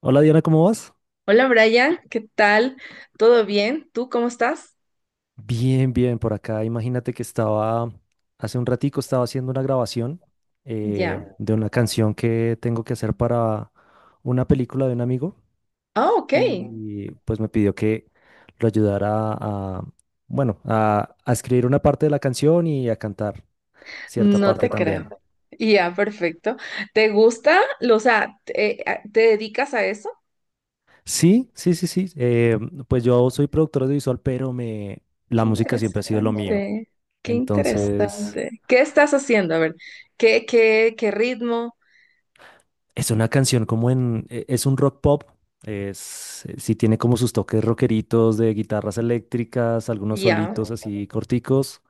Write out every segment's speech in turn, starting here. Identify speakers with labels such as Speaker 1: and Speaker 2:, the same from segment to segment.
Speaker 1: Hola Diana, ¿cómo vas?
Speaker 2: Hola Brian, ¿qué tal? ¿Todo bien? ¿Tú cómo estás?
Speaker 1: Bien, bien, por acá. Imagínate que estaba, hace un ratico estaba haciendo una grabación
Speaker 2: Ya.
Speaker 1: de una canción que tengo que hacer para una película de un amigo
Speaker 2: Ah, ok.
Speaker 1: y pues me pidió que lo ayudara a, bueno, a escribir una parte de la canción y a cantar cierta
Speaker 2: No
Speaker 1: parte
Speaker 2: te creo.
Speaker 1: también.
Speaker 2: Perfecto. Ya, perfecto. ¿Te gusta? ¿Te dedicas a eso?
Speaker 1: Sí, sí, sí, sí. Pues yo soy productor audiovisual, pero me, la
Speaker 2: Qué
Speaker 1: música siempre ha sido lo mío.
Speaker 2: interesante. Qué
Speaker 1: Entonces...
Speaker 2: interesante. ¿Qué estás haciendo? A ver, qué ritmo?
Speaker 1: Es una canción como es un rock pop, es, sí tiene como sus toques rockeritos de guitarras eléctricas, algunos
Speaker 2: Ya,
Speaker 1: solitos así corticos.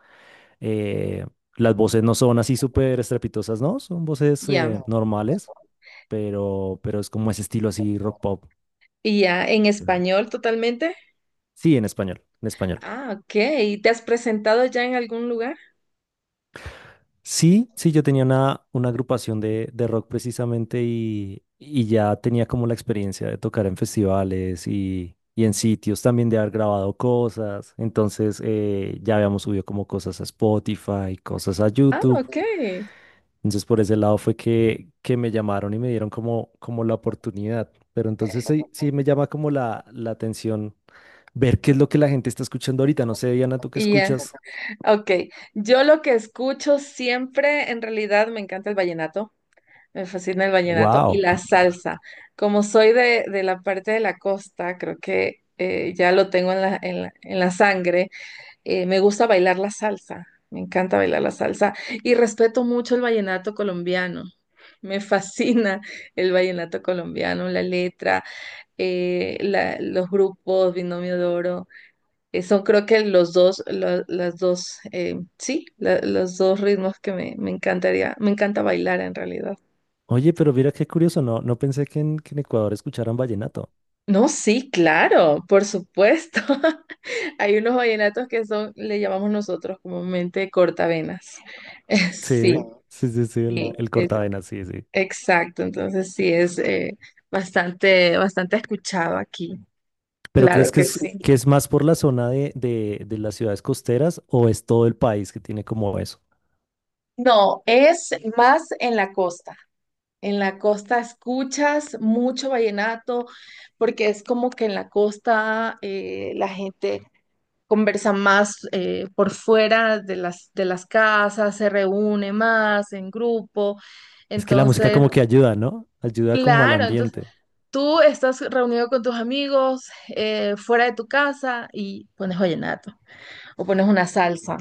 Speaker 1: eh, las voces no son así súper estrepitosas, ¿no? Son voces
Speaker 2: ya.
Speaker 1: normales, pero es como ese estilo así rock pop.
Speaker 2: ¿Y ya en
Speaker 1: Chévere.
Speaker 2: español totalmente?
Speaker 1: Sí, en español, en español.
Speaker 2: Ah, ok. ¿Y te has presentado ya en algún lugar?
Speaker 1: Sí, sí, yo tenía una agrupación de rock precisamente y ya tenía como la experiencia de tocar en festivales y en sitios también de haber grabado cosas. Entonces ya habíamos subido como cosas a Spotify, cosas a
Speaker 2: Ah,
Speaker 1: YouTube.
Speaker 2: ok.
Speaker 1: Entonces por ese lado fue que me llamaron y me dieron como, como la oportunidad. Pero entonces sí, sí me llama como la atención ver qué es lo que la gente está escuchando ahorita. No sé, Diana, tú qué
Speaker 2: Ya.
Speaker 1: escuchas.
Speaker 2: Ok, yo lo que escucho siempre, en realidad me encanta el vallenato, me fascina el vallenato y
Speaker 1: ¡Wow!
Speaker 2: la salsa. Como soy de la parte de la costa, creo que ya lo tengo en en la sangre. Me gusta bailar la salsa, me encanta bailar la salsa y respeto mucho el vallenato colombiano. Me fascina el vallenato colombiano, la letra, los grupos, Binomio de Oro. Son creo que los dos, las dos, sí, los dos ritmos que me encantaría, me encanta bailar en realidad.
Speaker 1: Oye, pero mira qué curioso, no pensé que que en Ecuador escucharan vallenato.
Speaker 2: No, sí, claro, por supuesto. Hay unos vallenatos que son, le llamamos nosotros comúnmente cortavenas. Sí,
Speaker 1: Sí, sí, sí, sí,
Speaker 2: sí,
Speaker 1: el
Speaker 2: es,
Speaker 1: cortavenas, sí, sí.
Speaker 2: exacto. Entonces sí es bastante, bastante escuchado aquí.
Speaker 1: ¿Pero crees
Speaker 2: Claro que sí.
Speaker 1: que es más por la zona de las ciudades costeras o es todo el país que tiene como eso?
Speaker 2: No, es más en la costa. En la costa escuchas mucho vallenato, porque es como que en la costa la gente conversa más por fuera de de las casas, se reúne más en grupo.
Speaker 1: Es que la música
Speaker 2: Entonces,
Speaker 1: como que ayuda, ¿no? Ayuda como al
Speaker 2: claro, entonces
Speaker 1: ambiente.
Speaker 2: tú estás reunido con tus amigos fuera de tu casa y pones vallenato o pones una salsa.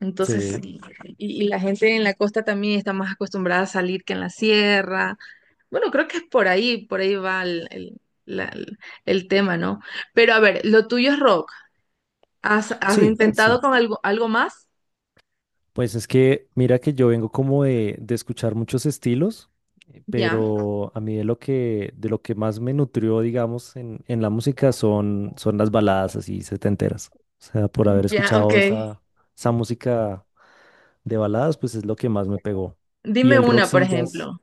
Speaker 2: Entonces,
Speaker 1: Sí,
Speaker 2: y la gente en la costa también está más acostumbrada a salir que en la sierra. Bueno, creo que es por ahí va el tema, ¿no? Pero a ver, lo tuyo es rock. Has
Speaker 1: sí, sí.
Speaker 2: intentado con algo, algo más?
Speaker 1: Pues es que mira que yo vengo como de escuchar muchos estilos,
Speaker 2: Ya,
Speaker 1: pero a mí de lo que más me nutrió, digamos, en la música son, son las baladas así setenteras. O sea, por haber
Speaker 2: ya, ok.
Speaker 1: escuchado esa, esa música de baladas, pues es lo que más me pegó. Y
Speaker 2: Dime
Speaker 1: el rock
Speaker 2: una, por
Speaker 1: sí, jazz.
Speaker 2: ejemplo.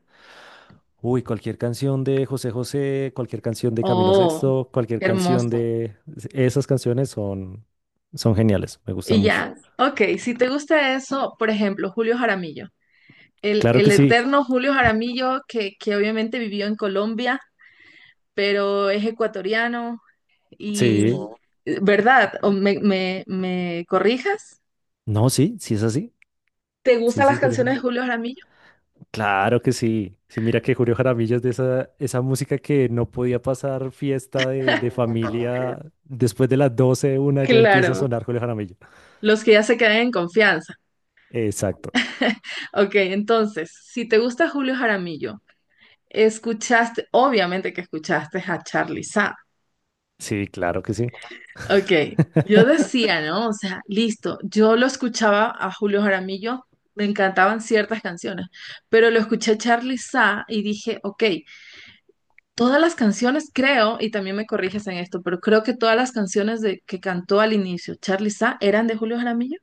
Speaker 1: Uy, cualquier canción de José José, cualquier canción de Camilo
Speaker 2: Oh,
Speaker 1: Sexto, cualquier
Speaker 2: qué
Speaker 1: canción
Speaker 2: hermoso.
Speaker 1: de... Esas canciones son, son geniales, me gustan
Speaker 2: Y
Speaker 1: mucho.
Speaker 2: ya, ok, si te gusta eso, por ejemplo, Julio Jaramillo,
Speaker 1: Claro
Speaker 2: el
Speaker 1: que sí,
Speaker 2: eterno Julio Jaramillo que obviamente vivió en Colombia, pero es ecuatoriano y,
Speaker 1: sí.
Speaker 2: ¿verdad? ¿O me corrijas?
Speaker 1: No, sí, sí es así.
Speaker 2: ¿Te
Speaker 1: Sí,
Speaker 2: gustan
Speaker 1: sí,
Speaker 2: las
Speaker 1: Julio
Speaker 2: canciones de
Speaker 1: Jaramillo.
Speaker 2: Julio Jaramillo?
Speaker 1: Claro que sí. Sí, mira que Julio Jaramillo es de esa, esa música que no podía pasar fiesta de familia. Después de las 12 una ya empieza a
Speaker 2: Claro,
Speaker 1: sonar Julio Jaramillo.
Speaker 2: los que ya se quedan en confianza.
Speaker 1: Exacto.
Speaker 2: Ok, entonces, si te gusta Julio Jaramillo, escuchaste, obviamente que escuchaste a Charly Sa.
Speaker 1: Sí, claro que sí.
Speaker 2: Ok, yo decía, ¿no? O sea, listo, yo lo escuchaba a Julio Jaramillo, me encantaban ciertas canciones, pero lo escuché a Charly Sa y dije, ok, todas las canciones creo, y también me corriges en esto, pero creo que todas las canciones de, que cantó al inicio Charly Sa eran de Julio Jaramillo.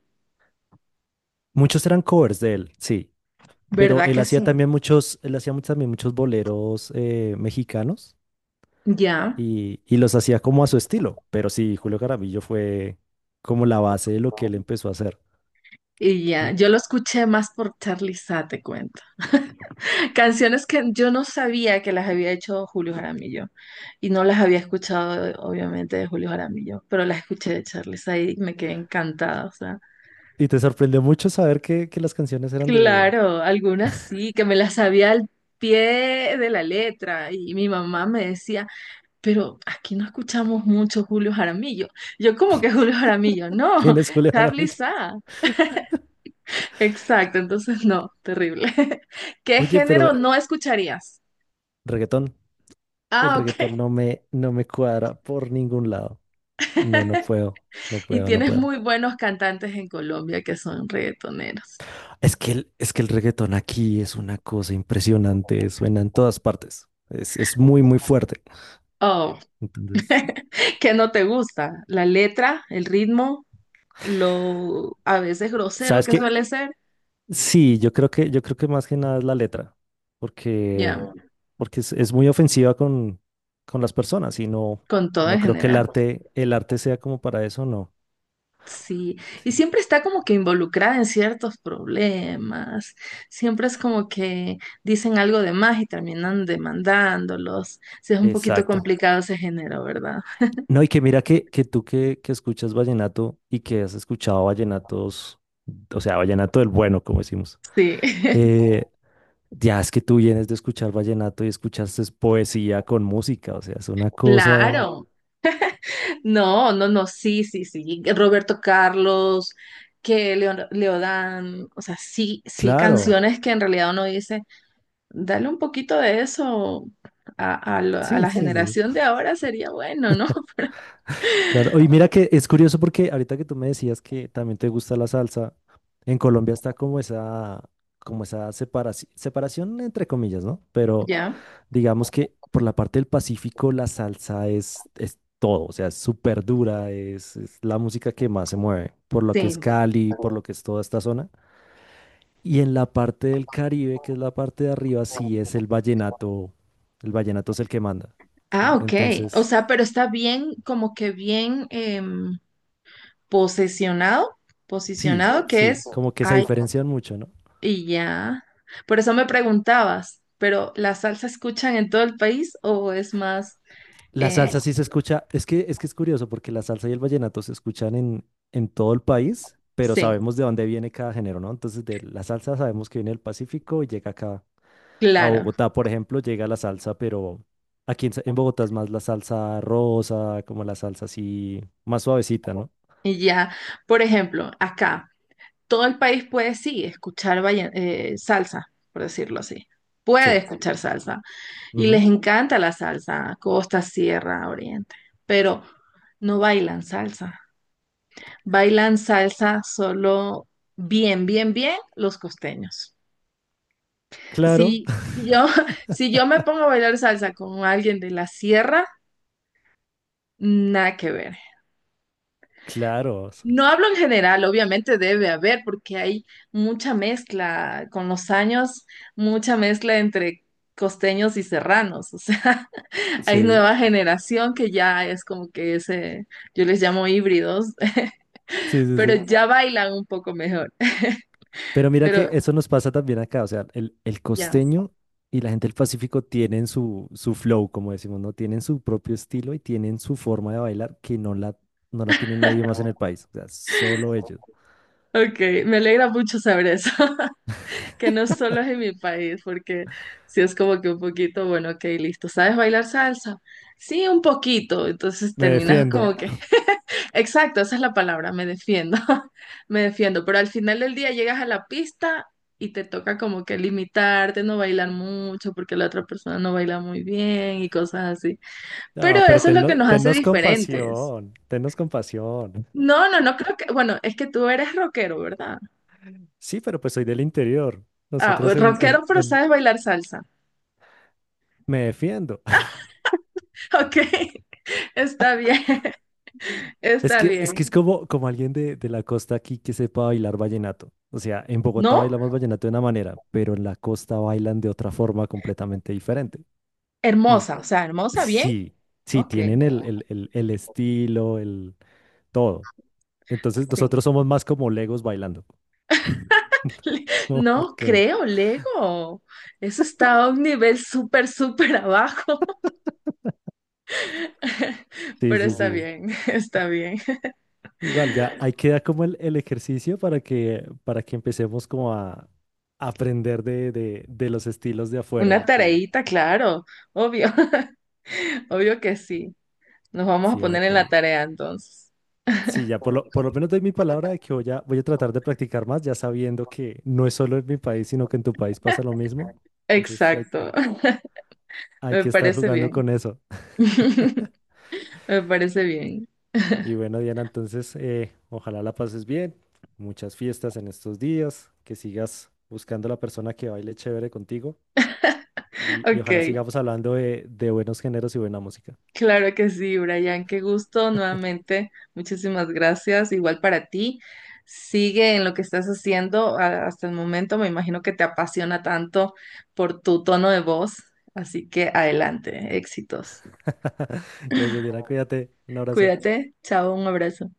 Speaker 1: Muchos eran covers de él, sí. Pero
Speaker 2: ¿Verdad
Speaker 1: él
Speaker 2: que
Speaker 1: hacía
Speaker 2: sí?
Speaker 1: también muchos, también muchos boleros mexicanos
Speaker 2: Ya,
Speaker 1: y los hacía como a su estilo. Pero sí, Julio Jaramillo fue como la base de lo que él empezó a hacer.
Speaker 2: y ya.
Speaker 1: Y,
Speaker 2: Yo lo escuché más por Charly Sa, te cuento. Canciones que yo no sabía que las había hecho Julio Jaramillo. Y no las había escuchado, obviamente, de Julio Jaramillo, pero las escuché de Charly Sa y me quedé encantada. O sea,
Speaker 1: y te sorprendió mucho saber que las canciones eran de,
Speaker 2: claro, algunas sí, que me las sabía al pie de la letra. Y mi mamá me decía, pero aquí no escuchamos mucho Julio Jaramillo. Yo, como que ¿Julio Jaramillo?
Speaker 1: ¿Quién
Speaker 2: No,
Speaker 1: es Julio
Speaker 2: Charly
Speaker 1: Jaramillo?
Speaker 2: Sa. Exacto, entonces no, terrible. ¿Qué
Speaker 1: Oye, pero
Speaker 2: género no escucharías?
Speaker 1: reggaetón, el
Speaker 2: Ah, ok.
Speaker 1: reggaetón no me cuadra por ningún lado. No, no puedo, no
Speaker 2: Y
Speaker 1: puedo, no
Speaker 2: tienes
Speaker 1: puedo.
Speaker 2: muy buenos cantantes en Colombia que son reggaetoneros.
Speaker 1: Es que es que el reggaetón aquí es una cosa impresionante, suena en todas partes. Es muy fuerte.
Speaker 2: Oh,
Speaker 1: Entonces,
Speaker 2: ¿qué no te gusta? La letra, el ritmo, lo a veces grosero
Speaker 1: ¿sabes
Speaker 2: que
Speaker 1: qué?
Speaker 2: suele ser.
Speaker 1: Sí, yo creo que más que nada es la letra, porque,
Speaker 2: Ya,
Speaker 1: porque es muy ofensiva con las personas y no,
Speaker 2: con todo
Speaker 1: no
Speaker 2: en
Speaker 1: creo que
Speaker 2: general.
Speaker 1: el arte sea como para eso, no.
Speaker 2: Sí, y
Speaker 1: Sí.
Speaker 2: siempre está como que involucrada en ciertos problemas, siempre es como que dicen algo de más y terminan demandándolos. Sí, es un poquito
Speaker 1: Exacto.
Speaker 2: complicado ese género, ¿verdad?
Speaker 1: No, y que mira que tú que escuchas vallenato y que has escuchado vallenatos, o sea, vallenato del bueno, como decimos.
Speaker 2: Sí,
Speaker 1: eh, ya es que tú vienes de escuchar vallenato y escuchaste es poesía con música, o sea, es una cosa.
Speaker 2: claro. No, no, no, sí, sí, sí. Roberto Carlos, que Leodán, o sea, sí, sí,
Speaker 1: Claro,
Speaker 2: canciones que en realidad uno dice, dale un poquito de eso a, a
Speaker 1: sí, sí,
Speaker 2: la
Speaker 1: sí,
Speaker 2: generación
Speaker 1: sí,
Speaker 2: de ahora sería bueno, ¿no?
Speaker 1: claro. Y mira que es curioso porque ahorita que tú me decías que también te gusta la salsa, en Colombia está como esa separación, separación entre comillas, ¿no? Pero
Speaker 2: Ya,
Speaker 1: digamos que por la parte del Pacífico la salsa es todo, o sea, es súper dura, es la música que más se mueve, por lo que es
Speaker 2: sí.
Speaker 1: Cali, por lo que es toda esta zona. Y en la parte del Caribe, que es la parte de arriba, sí es el vallenato es el que manda, ¿sí?
Speaker 2: Ah, ok. O
Speaker 1: Entonces,
Speaker 2: sea, pero está bien, como que bien posesionado,
Speaker 1: sí,
Speaker 2: posicionado, que es,
Speaker 1: sí, como que se
Speaker 2: ay,
Speaker 1: diferencian mucho, ¿no?
Speaker 2: y ya. Por eso me preguntabas, pero ¿la salsa escuchan en todo el país o es más,
Speaker 1: La
Speaker 2: eh,
Speaker 1: salsa sí se escucha, es que es curioso porque la salsa y el vallenato se escuchan en todo el país, pero
Speaker 2: sí,
Speaker 1: sabemos de dónde viene cada género, ¿no? Entonces, de la salsa sabemos que viene del Pacífico y llega acá a
Speaker 2: claro,
Speaker 1: Bogotá, por ejemplo, llega la salsa, pero aquí en Bogotá es más la salsa rosa, como la salsa así más suavecita, ¿no?
Speaker 2: y ya. Por ejemplo, acá, todo el país puede, sí, escuchar salsa, por decirlo así. Puede
Speaker 1: Sí.
Speaker 2: escuchar salsa. Y
Speaker 1: Ujú.
Speaker 2: les encanta la salsa, costa, sierra, oriente. Pero no bailan salsa. Bailan salsa solo bien, bien, bien los costeños.
Speaker 1: Claro,
Speaker 2: Si yo, si yo me pongo a bailar salsa con alguien de la sierra, nada que ver.
Speaker 1: claro.
Speaker 2: No hablo en general, obviamente debe haber, porque hay mucha mezcla con los años, mucha mezcla entre costeños y serranos. O sea, hay
Speaker 1: Sí,
Speaker 2: nueva generación que ya es como que ese, yo les llamo híbridos,
Speaker 1: sí, sí,
Speaker 2: pero
Speaker 1: sí.
Speaker 2: ya bailan un poco mejor.
Speaker 1: Pero mira que
Speaker 2: Pero
Speaker 1: eso nos pasa también acá, o sea, el
Speaker 2: ya.
Speaker 1: costeño y la gente del Pacífico tienen su, su flow, como decimos, ¿no? Tienen su propio estilo y tienen su forma de bailar que no la, no la tiene nadie más en el país, o sea, solo ellos.
Speaker 2: Ok, me alegra mucho saber eso, que no solo es en mi país, porque si es como que un poquito, bueno, ok, listo, ¿sabes bailar salsa? Sí, un poquito, entonces
Speaker 1: Me
Speaker 2: terminas
Speaker 1: defiendo.
Speaker 2: como que exacto, esa es la palabra, me defiendo, me defiendo, pero al final del día llegas a la pista y te toca como que limitarte, no bailar mucho porque la otra persona no baila muy bien y cosas así.
Speaker 1: Ah,
Speaker 2: Pero
Speaker 1: pero
Speaker 2: eso es lo que nos hace
Speaker 1: tennos
Speaker 2: diferentes.
Speaker 1: compasión, tennos compasión.
Speaker 2: No, no, no creo que, bueno, es que tú eres rockero, ¿verdad?
Speaker 1: Sí, pero pues soy del interior.
Speaker 2: Ah,
Speaker 1: Nosotros
Speaker 2: rockero, pero
Speaker 1: en-
Speaker 2: sabes bailar salsa.
Speaker 1: Me defiendo.
Speaker 2: Ok, está bien,
Speaker 1: Es
Speaker 2: está
Speaker 1: que es
Speaker 2: bien.
Speaker 1: como, como alguien de la costa aquí que sepa bailar vallenato. O sea, en Bogotá
Speaker 2: ¿No?
Speaker 1: bailamos vallenato de una manera, pero en la costa bailan de otra forma completamente diferente. Y
Speaker 2: Hermosa, o sea, hermosa, bien.
Speaker 1: sí, sí,
Speaker 2: Ok.
Speaker 1: tienen el estilo, el todo. Entonces
Speaker 2: Sí.
Speaker 1: nosotros somos más como legos bailando.
Speaker 2: Le-
Speaker 1: No, ¿por
Speaker 2: No
Speaker 1: qué no?
Speaker 2: creo, Lego. Eso está a un nivel súper, súper abajo,
Speaker 1: Sí,
Speaker 2: pero
Speaker 1: sí,
Speaker 2: está
Speaker 1: sí.
Speaker 2: bien, está bien.
Speaker 1: Igual, ya ahí queda como el ejercicio para que empecemos como a aprender de los estilos de afuera,
Speaker 2: Una
Speaker 1: porque
Speaker 2: tareita, claro, obvio, obvio que sí. Nos vamos a
Speaker 1: sí, bueno,
Speaker 2: poner en
Speaker 1: pero
Speaker 2: la
Speaker 1: ahí
Speaker 2: tarea entonces.
Speaker 1: sí, ya por lo menos doy mi palabra de que voy a, voy a tratar de practicar más, ya sabiendo que no es solo en mi país, sino que en tu país pasa lo mismo. Entonces hay,
Speaker 2: Exacto,
Speaker 1: que- Hay
Speaker 2: me
Speaker 1: que estar
Speaker 2: parece
Speaker 1: jugando
Speaker 2: bien.
Speaker 1: con eso.
Speaker 2: Me parece bien.
Speaker 1: Y bueno, Diana, entonces ojalá la pases bien. Muchas fiestas en estos días, que sigas buscando la persona que baile chévere contigo y ojalá
Speaker 2: Ok.
Speaker 1: sigamos hablando de buenos géneros y buena música.
Speaker 2: Claro que sí, Brian, qué gusto nuevamente. Muchísimas gracias. Igual para ti. Sigue en lo que estás haciendo hasta el momento. Me imagino que te apasiona tanto por tu tono de voz. Así que adelante, éxitos.
Speaker 1: Gracias, Diana, cuídate. Un abrazo.
Speaker 2: Cuídate. Chao, un abrazo.